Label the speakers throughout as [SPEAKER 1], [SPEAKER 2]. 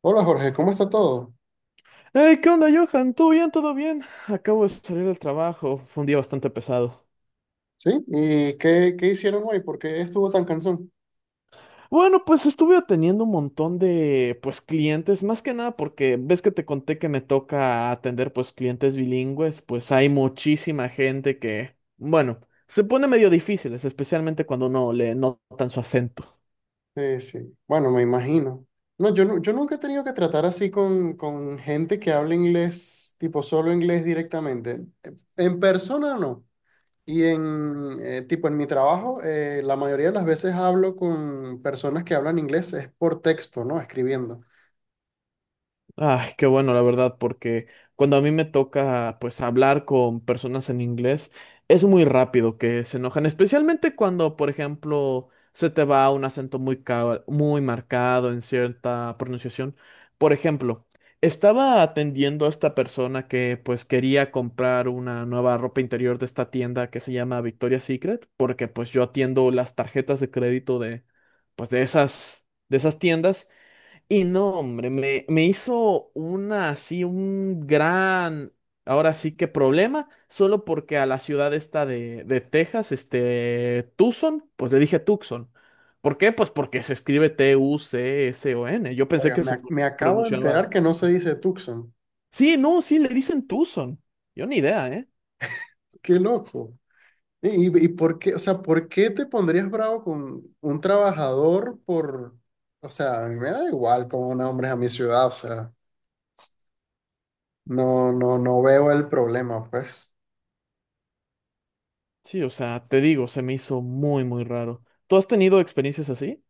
[SPEAKER 1] Hola Jorge, ¿cómo está todo?
[SPEAKER 2] Hey, ¿qué onda, Johan? ¿Todo bien? ¿Todo bien? Acabo de salir del trabajo. Fue un día bastante pesado.
[SPEAKER 1] ¿Sí? ¿Y qué hicieron hoy? ¿Por qué estuvo tan cansón?
[SPEAKER 2] Bueno, pues estuve atendiendo un montón de, pues, clientes, más que nada porque ves que te conté que me toca atender, pues, clientes bilingües, pues hay muchísima gente que, bueno, se pone medio difíciles, especialmente cuando no le notan su acento.
[SPEAKER 1] Sí, bueno, me imagino. No, yo nunca he tenido que tratar así con gente que habla inglés, tipo solo inglés directamente. En persona no. Y en mi trabajo, la mayoría de las veces hablo con personas que hablan inglés, es por texto, ¿no? Escribiendo.
[SPEAKER 2] Ay, qué bueno, la verdad, porque cuando a mí me toca pues hablar con personas en inglés, es muy rápido que se enojan, especialmente cuando, por ejemplo, se te va un acento muy marcado en cierta pronunciación. Por ejemplo, estaba atendiendo a esta persona que pues quería comprar una nueva ropa interior de esta tienda que se llama Victoria's Secret, porque pues yo atiendo las tarjetas de crédito de pues de esas tiendas. Y no, hombre, me hizo una así, un gran, ahora sí que problema, solo porque a la ciudad esta de Texas, este, Tucson, pues le dije Tucson. ¿Por qué? Pues porque se escribe T-U-C-S-O-N. Yo pensé
[SPEAKER 1] Oiga,
[SPEAKER 2] que se
[SPEAKER 1] me, me acabo de
[SPEAKER 2] pronunciaba.
[SPEAKER 1] enterar que no se dice Tucson.
[SPEAKER 2] Sí, no, sí, le dicen Tucson. Yo ni idea, ¿eh?
[SPEAKER 1] ¡Qué loco! ¿Y por qué, o sea, por qué te pondrías bravo con un trabajador por, o sea, a mí me da igual cómo nombres a mi ciudad, o sea, no, no, no veo el problema, pues.
[SPEAKER 2] Sí, o sea, te digo, se me hizo muy, muy raro. ¿Tú has tenido experiencias así?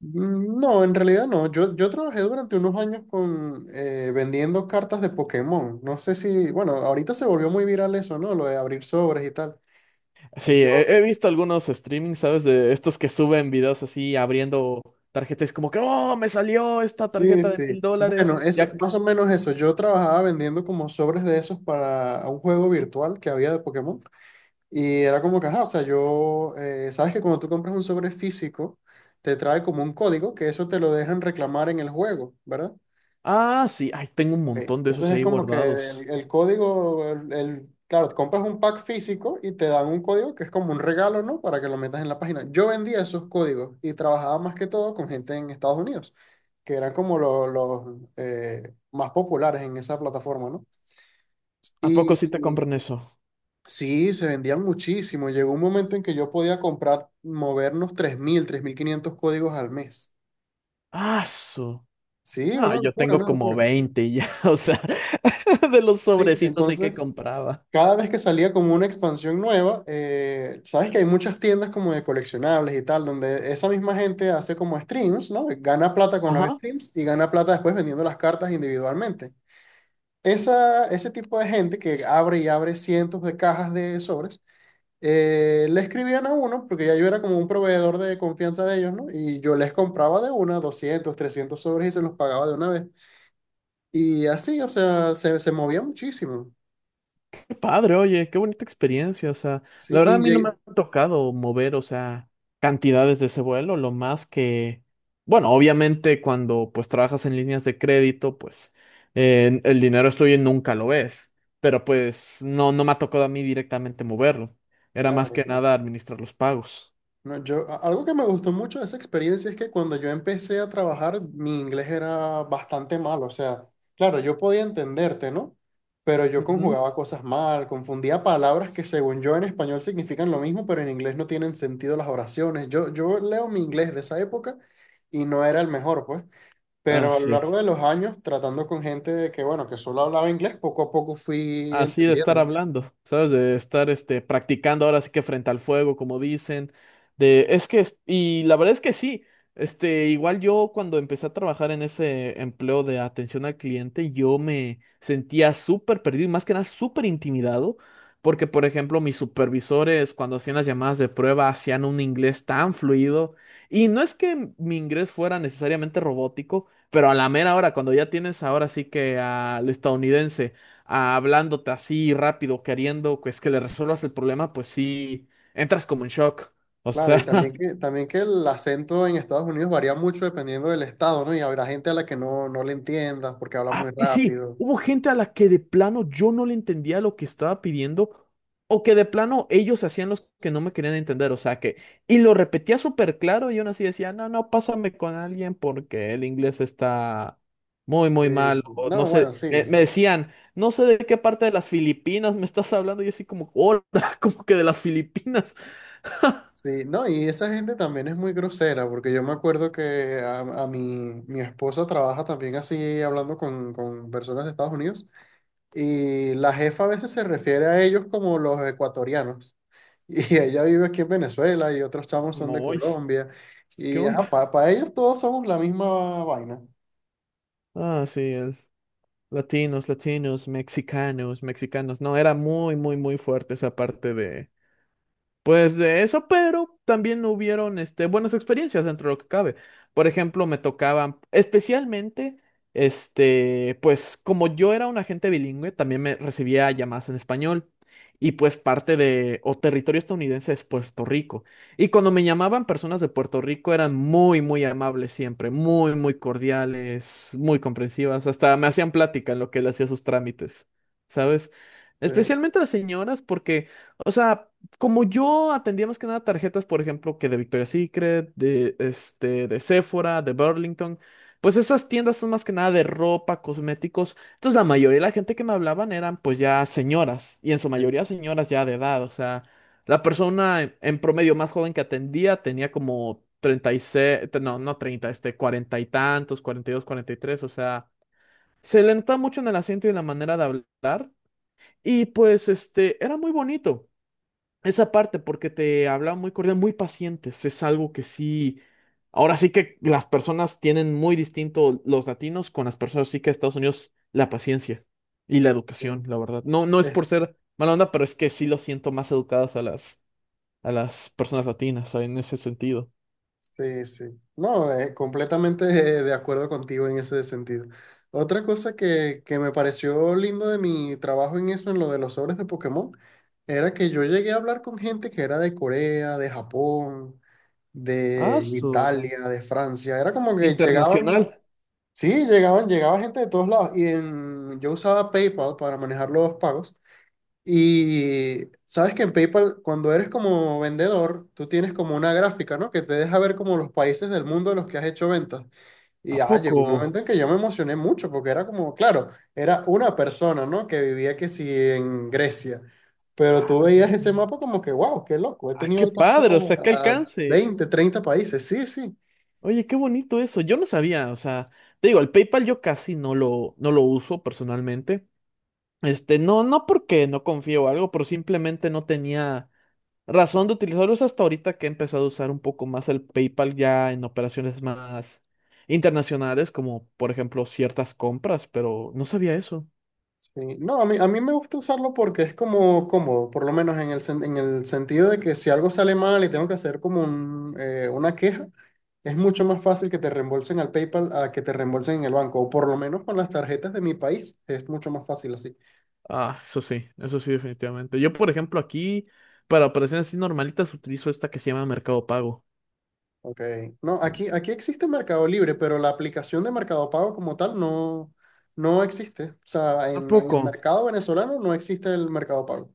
[SPEAKER 1] Mm, no, en realidad no. Yo trabajé durante unos años con vendiendo cartas de Pokémon. No sé si, bueno, ahorita se volvió muy viral eso, ¿no? Lo de abrir sobres y tal.
[SPEAKER 2] Sí,
[SPEAKER 1] Yo,
[SPEAKER 2] he visto algunos streamings, ¿sabes? De estos que suben videos así abriendo tarjetas, como que, oh, me salió esta
[SPEAKER 1] sí,
[SPEAKER 2] tarjeta de
[SPEAKER 1] sí.
[SPEAKER 2] $1000.
[SPEAKER 1] Bueno, es
[SPEAKER 2] Ya.
[SPEAKER 1] más o menos eso. Yo trabajaba vendiendo como sobres de esos para un juego virtual que había de Pokémon. Y era como que, ajá, o sea, sabes que cuando tú compras un sobre físico, te trae como un código que eso te lo dejan reclamar en el juego, ¿verdad?
[SPEAKER 2] Ah, sí, ay, tengo un
[SPEAKER 1] Ok,
[SPEAKER 2] montón de
[SPEAKER 1] entonces
[SPEAKER 2] esos
[SPEAKER 1] es
[SPEAKER 2] ahí
[SPEAKER 1] como que
[SPEAKER 2] guardados.
[SPEAKER 1] el código, claro, compras un pack físico y te dan un código que es como un regalo, ¿no? Para que lo metas en la página. Yo vendía esos códigos y trabajaba más que todo con gente en Estados Unidos, que eran como los más populares en esa plataforma, ¿no?
[SPEAKER 2] ¿A poco sí te
[SPEAKER 1] Y,
[SPEAKER 2] compran eso?
[SPEAKER 1] Sí, se vendían muchísimo. Llegó un momento en que yo podía comprar, movernos tres mil, 3.500 códigos al mes.
[SPEAKER 2] Ah, su.
[SPEAKER 1] Sí,
[SPEAKER 2] No,
[SPEAKER 1] una
[SPEAKER 2] yo
[SPEAKER 1] locura,
[SPEAKER 2] tengo
[SPEAKER 1] una
[SPEAKER 2] como
[SPEAKER 1] locura.
[SPEAKER 2] 20 ya, o sea, de los
[SPEAKER 1] Sí,
[SPEAKER 2] sobrecitos ahí que
[SPEAKER 1] entonces,
[SPEAKER 2] compraba.
[SPEAKER 1] cada vez que salía como una expansión nueva, sabes que hay muchas tiendas como de coleccionables y tal, donde esa misma gente hace como streams, ¿no? Gana plata con los
[SPEAKER 2] Ajá.
[SPEAKER 1] streams y gana plata después vendiendo las cartas individualmente. Ese tipo de gente que abre y abre cientos de cajas de sobres. Le escribían a uno, porque ya yo era como un proveedor de confianza de ellos, ¿no? Y yo les compraba de una, 200, 300 sobres y se los pagaba de una vez. Y así, o sea, se movía muchísimo.
[SPEAKER 2] Padre, oye, qué bonita experiencia. O sea, la
[SPEAKER 1] Sí,
[SPEAKER 2] verdad a mí no me ha tocado mover, o sea, cantidades de ese vuelo, lo más que, bueno, obviamente cuando pues trabajas en líneas de crédito, pues el dinero es tuyo y nunca lo ves, pero pues no, no me ha tocado a mí directamente moverlo. Era más
[SPEAKER 1] claro,
[SPEAKER 2] que
[SPEAKER 1] claro.
[SPEAKER 2] nada administrar los pagos.
[SPEAKER 1] No, algo que me gustó mucho de esa experiencia es que cuando yo empecé a trabajar, mi inglés era bastante malo. O sea, claro, yo podía entenderte, ¿no? Pero yo
[SPEAKER 2] Ujú.
[SPEAKER 1] conjugaba cosas mal, confundía palabras que según yo en español significan lo mismo, pero en inglés no tienen sentido las oraciones. Yo leo mi inglés de esa época y no era el mejor, pues.
[SPEAKER 2] Ah,
[SPEAKER 1] Pero a lo
[SPEAKER 2] sí.
[SPEAKER 1] largo de los años, tratando con gente bueno, que solo hablaba inglés, poco a poco fui
[SPEAKER 2] Así de estar
[SPEAKER 1] entendiendo.
[SPEAKER 2] hablando, ¿sabes? De estar este, practicando ahora sí que frente al fuego, como dicen. De, es que, es- Y la verdad es que sí. Este, igual yo cuando empecé a trabajar en ese empleo de atención al cliente, yo me sentía súper perdido y más que nada súper intimidado, porque por ejemplo mis supervisores cuando hacían las llamadas de prueba hacían un inglés tan fluido y no es que mi inglés fuera necesariamente robótico, pero a la mera hora, cuando ya tienes ahora sí que al estadounidense hablándote así rápido, queriendo pues que le resuelvas el problema, pues sí, entras como en shock. O
[SPEAKER 1] Claro, y
[SPEAKER 2] sea,
[SPEAKER 1] también que, también que el acento en Estados Unidos varía mucho dependiendo del estado, ¿no? Y habrá gente a la que no le entiendas porque habla muy
[SPEAKER 2] ah, y sí,
[SPEAKER 1] rápido.
[SPEAKER 2] hubo gente a la que de plano yo no le entendía lo que estaba pidiendo o que de plano ellos hacían los que no me querían entender, o sea que, y lo repetía súper claro y aún así decía, no, no, pásame con alguien porque el inglés está muy,
[SPEAKER 1] Sí,
[SPEAKER 2] muy mal,
[SPEAKER 1] sí.
[SPEAKER 2] o no
[SPEAKER 1] No,
[SPEAKER 2] sé,
[SPEAKER 1] bueno, sí,
[SPEAKER 2] me,
[SPEAKER 1] sí,
[SPEAKER 2] me decían, no sé de qué parte de las Filipinas me estás hablando, y yo así como, hola, como que de las Filipinas.
[SPEAKER 1] sí. No, y esa gente también es muy grosera, porque yo me acuerdo que a mi esposa trabaja también así hablando con personas de Estados Unidos, y la jefa a veces se refiere a ellos como los ecuatorianos. Y ella vive aquí en Venezuela y otros chamos son
[SPEAKER 2] Como,
[SPEAKER 1] de
[SPEAKER 2] oye,
[SPEAKER 1] Colombia.
[SPEAKER 2] ¿qué
[SPEAKER 1] Y ajá,
[SPEAKER 2] onda?
[SPEAKER 1] para ellos todos somos la misma vaina.
[SPEAKER 2] Ah, sí, latinos, latinos, mexicanos, mexicanos. No, era muy, muy, muy fuerte esa parte de, pues de eso, pero también hubieron este, buenas experiencias dentro de lo que cabe. Por ejemplo, me tocaban, especialmente, este, pues como yo era un agente bilingüe, también me recibía llamadas en español. Y pues parte de, o territorio estadounidense es Puerto Rico. Y cuando me llamaban personas de Puerto Rico eran muy, muy amables siempre, muy, muy cordiales, muy comprensivas. Hasta me hacían plática en lo que él hacía sus trámites, ¿sabes?
[SPEAKER 1] Sí,
[SPEAKER 2] Especialmente las señoras, porque, o sea como yo atendía más que nada tarjetas, por ejemplo, que de Victoria's Secret, de, este, de Sephora, de Burlington, pues esas tiendas son más que nada de ropa, cosméticos. Entonces la mayoría de la gente que me hablaban eran pues ya señoras, y en su
[SPEAKER 1] sí,
[SPEAKER 2] mayoría señoras ya de edad, o sea, la persona en promedio más joven que atendía tenía como 36, no 30, este, cuarenta y tantos, cuarenta y dos, cuarenta y tres. O sea, se le notaba mucho en el acento y en la manera de hablar, y pues este, era muy bonito. Esa parte, porque te hablaba muy cordial, muy pacientes, es algo que sí, ahora sí que las personas tienen muy distinto los latinos con las personas, sí que de Estados Unidos, la paciencia y la educación,
[SPEAKER 1] sí.
[SPEAKER 2] la verdad. No, no es
[SPEAKER 1] Es-
[SPEAKER 2] por ser mala onda, pero es que sí lo siento más educadas a las personas latinas en ese sentido.
[SPEAKER 1] sí, sí. No, completamente de acuerdo contigo en ese sentido. Otra cosa que me pareció lindo de mi trabajo en eso, en lo de los sobres de Pokémon, era que yo llegué a hablar con gente que era de Corea, de Japón,
[SPEAKER 2] Ah,
[SPEAKER 1] de
[SPEAKER 2] su, o sea,
[SPEAKER 1] Italia, de Francia. Era como que llegaban,
[SPEAKER 2] internacional,
[SPEAKER 1] sí, llegaba gente de todos lados. Yo usaba PayPal para manejar los pagos. Y sabes que en PayPal, cuando eres como vendedor, tú tienes como una gráfica, ¿no? Que te deja ver como los países del mundo en los que has hecho ventas. Y
[SPEAKER 2] ¿a
[SPEAKER 1] llegó un momento
[SPEAKER 2] poco?
[SPEAKER 1] en que yo me emocioné mucho porque era como, claro, era una persona, ¿no? Que vivía que sí en Grecia. Pero tú
[SPEAKER 2] Ah,
[SPEAKER 1] veías ese mapa como que, wow, qué loco, he
[SPEAKER 2] ah,
[SPEAKER 1] tenido
[SPEAKER 2] qué
[SPEAKER 1] alcance
[SPEAKER 2] padre, o sea, qué
[SPEAKER 1] a
[SPEAKER 2] alcance.
[SPEAKER 1] 20, 30 países. Sí, sí.
[SPEAKER 2] Oye, qué bonito eso. Yo no sabía, o sea, te digo, el PayPal yo casi no lo uso personalmente. Este, no, no porque no confío o algo, pero simplemente no tenía razón de utilizarlos hasta ahorita que he empezado a usar un poco más el PayPal ya en operaciones más internacionales, como por ejemplo ciertas compras, pero no sabía eso.
[SPEAKER 1] Sí, no, a mí me gusta usarlo porque es como cómodo, por lo menos en el sentido de que si algo sale mal y tengo que hacer como una queja, es mucho más fácil que te reembolsen al PayPal a que te reembolsen en el banco, o por lo menos con las tarjetas de mi país es mucho más fácil así.
[SPEAKER 2] Ah, eso sí, definitivamente. Yo, por ejemplo, aquí para operaciones así normalitas utilizo esta que se llama Mercado Pago.
[SPEAKER 1] Ok, no, aquí existe Mercado Libre, pero la aplicación de Mercado Pago como tal no existe. O sea,
[SPEAKER 2] ¿A
[SPEAKER 1] en el
[SPEAKER 2] poco?
[SPEAKER 1] mercado venezolano no existe el Mercado Pago.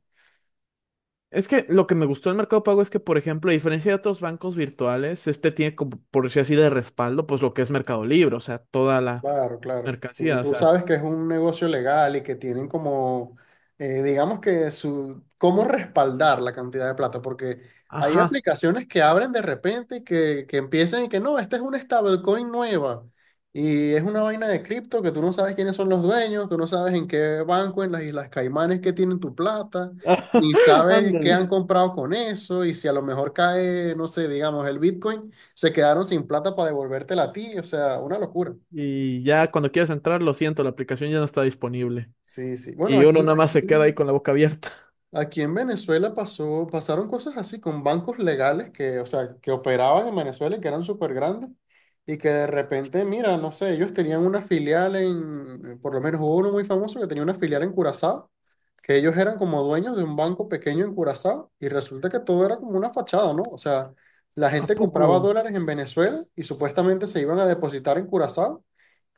[SPEAKER 2] Es que lo que me gustó del Mercado Pago es que, por ejemplo, a diferencia de otros bancos virtuales, este tiene como, por decir así, de respaldo, pues lo que es Mercado Libre, o sea, toda la
[SPEAKER 1] Claro, claro. Tú,
[SPEAKER 2] mercancía, o
[SPEAKER 1] tú
[SPEAKER 2] sea,
[SPEAKER 1] sabes que es un negocio legal y que tienen como, digamos que cómo respaldar la cantidad de plata, porque hay
[SPEAKER 2] ajá,
[SPEAKER 1] aplicaciones que abren de repente y que empiezan y que no, esta es una stablecoin nueva y es una vaina de cripto que tú no sabes quiénes son los dueños, tú no sabes en qué banco, en las Islas Caimanes que tienen tu plata, ni sabes qué han
[SPEAKER 2] ándale.
[SPEAKER 1] comprado con eso y si a lo mejor cae, no sé, digamos, el Bitcoin, se quedaron sin plata para devolvértela a ti, o sea, una locura.
[SPEAKER 2] Y ya cuando quieres entrar, lo siento, la aplicación ya no está disponible.
[SPEAKER 1] Sí, sí. Bueno,
[SPEAKER 2] Y uno
[SPEAKER 1] aquí,
[SPEAKER 2] nada más
[SPEAKER 1] aquí,
[SPEAKER 2] se queda ahí con la boca abierta.
[SPEAKER 1] aquí en Venezuela pasaron cosas así con bancos legales que, o sea, que operaban en Venezuela y que eran súper grandes y que de repente, mira, no sé, ellos tenían una filial por lo menos hubo uno muy famoso que tenía una filial en Curazao, que ellos eran como dueños de un banco pequeño en Curazao y resulta que todo era como una fachada, ¿no? O sea, la
[SPEAKER 2] ¿A
[SPEAKER 1] gente
[SPEAKER 2] poco?
[SPEAKER 1] compraba dólares en Venezuela y supuestamente se iban a depositar en Curazao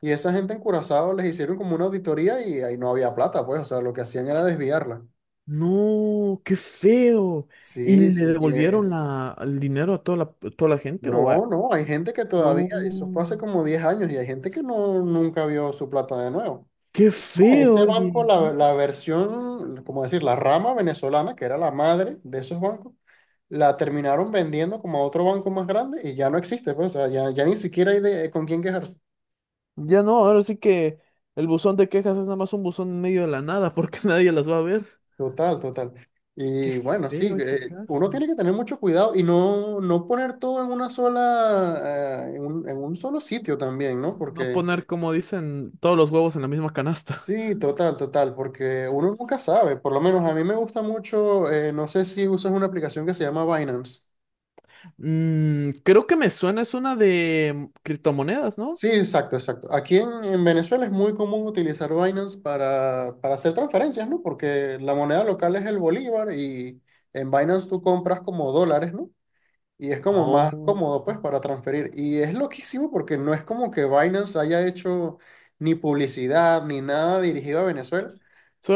[SPEAKER 1] y esa gente en Curazao les hicieron como una auditoría y ahí no había plata, pues, o sea, lo que hacían era desviarla.
[SPEAKER 2] No, qué feo. ¿Y
[SPEAKER 1] Sí,
[SPEAKER 2] le
[SPEAKER 1] sí, y
[SPEAKER 2] devolvieron
[SPEAKER 1] es.
[SPEAKER 2] la, el dinero a toda la gente? ¿O
[SPEAKER 1] No,
[SPEAKER 2] a-
[SPEAKER 1] no, hay gente que
[SPEAKER 2] no,
[SPEAKER 1] todavía, eso fue hace como 10 años y hay gente que no, nunca vio su plata de nuevo.
[SPEAKER 2] qué
[SPEAKER 1] No,
[SPEAKER 2] feo,
[SPEAKER 1] ese banco,
[SPEAKER 2] oye, ¿no?
[SPEAKER 1] la versión, como decir, la rama venezolana, que era la madre de esos bancos, la terminaron vendiendo como a otro banco más grande y ya no existe, pues, o sea, ya ni siquiera hay con quién quejarse.
[SPEAKER 2] Ya no, ahora sí que el buzón de quejas es nada más un buzón en medio de la nada porque nadie las va a ver.
[SPEAKER 1] Total, total.
[SPEAKER 2] Qué
[SPEAKER 1] Y bueno, sí,
[SPEAKER 2] feo ese
[SPEAKER 1] uno
[SPEAKER 2] caso.
[SPEAKER 1] tiene que tener mucho cuidado y no poner todo en una sola, en un solo sitio también, ¿no?
[SPEAKER 2] No
[SPEAKER 1] Porque
[SPEAKER 2] poner, como dicen, todos los huevos en la misma canasta.
[SPEAKER 1] sí, total, total, porque uno nunca sabe. Por lo menos a mí me gusta mucho, no sé si usas una aplicación que se llama Binance.
[SPEAKER 2] Mm, creo que me suena, es una de criptomonedas, ¿no?
[SPEAKER 1] Sí, exacto, exacto. Aquí en Venezuela es muy común utilizar Binance para hacer transferencias, ¿no? Porque la moneda local es el bolívar y en Binance tú compras como dólares, ¿no? Y es como más
[SPEAKER 2] Oh.
[SPEAKER 1] cómodo, pues, para transferir. Y es loquísimo porque no es como que Binance haya hecho ni publicidad ni nada dirigido a Venezuela,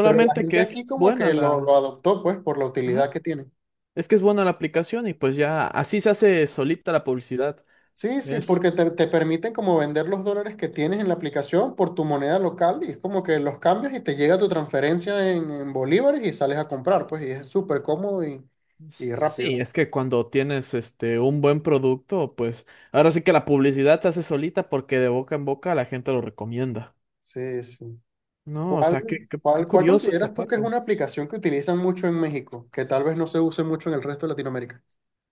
[SPEAKER 1] pero la gente
[SPEAKER 2] que
[SPEAKER 1] aquí
[SPEAKER 2] es
[SPEAKER 1] como
[SPEAKER 2] buena
[SPEAKER 1] que lo,
[SPEAKER 2] la.
[SPEAKER 1] lo adoptó, pues, por la utilidad
[SPEAKER 2] Ajá.
[SPEAKER 1] que tiene.
[SPEAKER 2] Es que es buena la aplicación y pues ya así se hace solita la publicidad.
[SPEAKER 1] Sí, sí,
[SPEAKER 2] Es
[SPEAKER 1] porque te permiten como vender los dólares que tienes en la aplicación por tu moneda local y es como que los cambias y te llega tu transferencia en bolívares y sales a comprar, pues, y es súper cómodo y rápido.
[SPEAKER 2] sí, es que cuando tienes este un buen producto, pues ahora sí que la publicidad se hace solita porque de boca en boca la gente lo recomienda.
[SPEAKER 1] Sí, sí.
[SPEAKER 2] No, o
[SPEAKER 1] ¿Cuál,
[SPEAKER 2] sea, qué, qué,
[SPEAKER 1] cuál,
[SPEAKER 2] qué
[SPEAKER 1] cuál
[SPEAKER 2] curioso esa
[SPEAKER 1] consideras tú que es
[SPEAKER 2] parte.
[SPEAKER 1] una aplicación que utilizan mucho en México, que tal vez no se use mucho en el resto de Latinoamérica?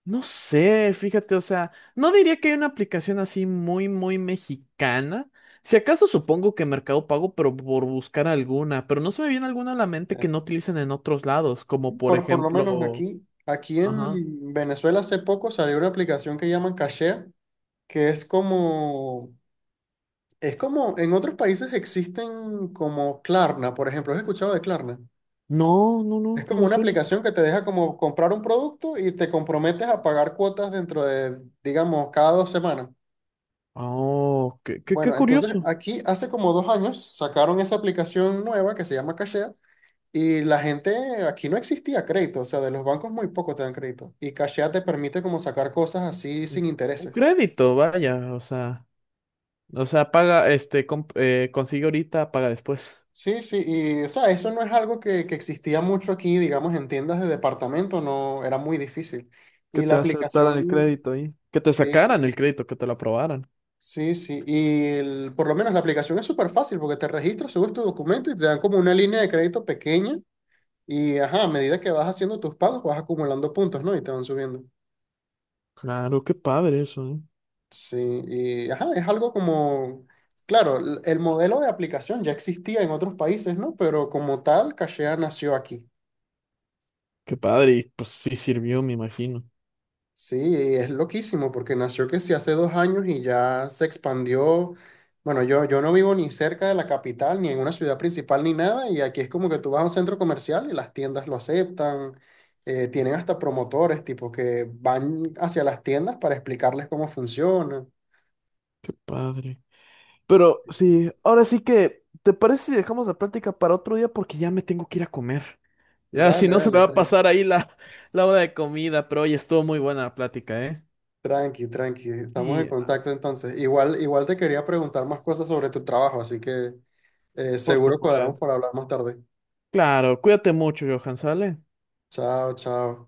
[SPEAKER 2] No sé, fíjate, o sea, no diría que hay una aplicación así muy, muy mexicana. Si acaso supongo que Mercado Pago, pero por buscar alguna, pero no se me viene alguna a la mente que no utilicen en otros lados, como por
[SPEAKER 1] Por lo menos
[SPEAKER 2] ejemplo,
[SPEAKER 1] aquí
[SPEAKER 2] ajá.
[SPEAKER 1] en Venezuela hace poco salió una aplicación que llaman Cachea, que en otros países existen como Klarna, por ejemplo, ¿has escuchado de Klarna?
[SPEAKER 2] No, no,
[SPEAKER 1] Es
[SPEAKER 2] no, no
[SPEAKER 1] como
[SPEAKER 2] me
[SPEAKER 1] una
[SPEAKER 2] suena.
[SPEAKER 1] aplicación que te deja como comprar un producto y te comprometes a pagar cuotas dentro de, digamos, cada 2 semanas.
[SPEAKER 2] Oh, qué, qué, qué
[SPEAKER 1] Bueno, entonces
[SPEAKER 2] curioso.
[SPEAKER 1] aquí hace como 2 años sacaron esa aplicación nueva que se llama Cashea y la gente, aquí no existía crédito, o sea, de los bancos muy poco te dan crédito y Cashea te permite como sacar cosas así
[SPEAKER 2] Un
[SPEAKER 1] sin
[SPEAKER 2] un
[SPEAKER 1] intereses.
[SPEAKER 2] crédito, vaya, o sea, paga, este, consigue ahorita, paga después.
[SPEAKER 1] Sí, sí, y o sea, eso no es algo que existía mucho aquí, digamos, en tiendas de departamento, no, era muy difícil.
[SPEAKER 2] Que
[SPEAKER 1] Y la
[SPEAKER 2] te aceptaran el
[SPEAKER 1] aplicación,
[SPEAKER 2] crédito ahí. Que te
[SPEAKER 1] sí,
[SPEAKER 2] sacaran el crédito, que te lo aprobaran.
[SPEAKER 1] sí, sí, por lo menos la aplicación es súper fácil porque te registras, subes tu documento y te dan como una línea de crédito pequeña. Y ajá, a medida que vas haciendo tus pagos, vas acumulando puntos, ¿no? Y te van subiendo.
[SPEAKER 2] Claro, qué padre eso, ¿eh?
[SPEAKER 1] Sí, y ajá, es algo como, claro, el modelo de aplicación ya existía en otros países, ¿no? Pero como tal, Cachea nació aquí.
[SPEAKER 2] Qué padre, y pues sí sirvió, me imagino.
[SPEAKER 1] Sí, es loquísimo porque nació que sí hace 2 años y ya se expandió. Bueno, yo no vivo ni cerca de la capital, ni en una ciudad principal, ni nada. Y aquí es como que tú vas a un centro comercial y las tiendas lo aceptan. Tienen hasta promotores, tipo, que van hacia las tiendas para explicarles cómo funciona.
[SPEAKER 2] Qué padre.
[SPEAKER 1] Sí,
[SPEAKER 2] Pero
[SPEAKER 1] sí.
[SPEAKER 2] sí, ahora sí que, ¿te parece si dejamos la práctica para otro día? Porque ya me tengo que ir a comer. Ya, si
[SPEAKER 1] Dale,
[SPEAKER 2] no se me
[SPEAKER 1] dale,
[SPEAKER 2] va a
[SPEAKER 1] tranqui,
[SPEAKER 2] pasar ahí la, la hora de comida, pero hoy estuvo muy buena la plática, ¿eh?
[SPEAKER 1] tranqui, tranqui. Estamos en
[SPEAKER 2] Sí,
[SPEAKER 1] contacto entonces. Igual, igual te quería preguntar más cosas sobre tu trabajo, así que
[SPEAKER 2] por
[SPEAKER 1] seguro cuadramos
[SPEAKER 2] supuesto.
[SPEAKER 1] para hablar más tarde.
[SPEAKER 2] Claro, cuídate mucho, Johan, ¿sale?
[SPEAKER 1] Chao, chao.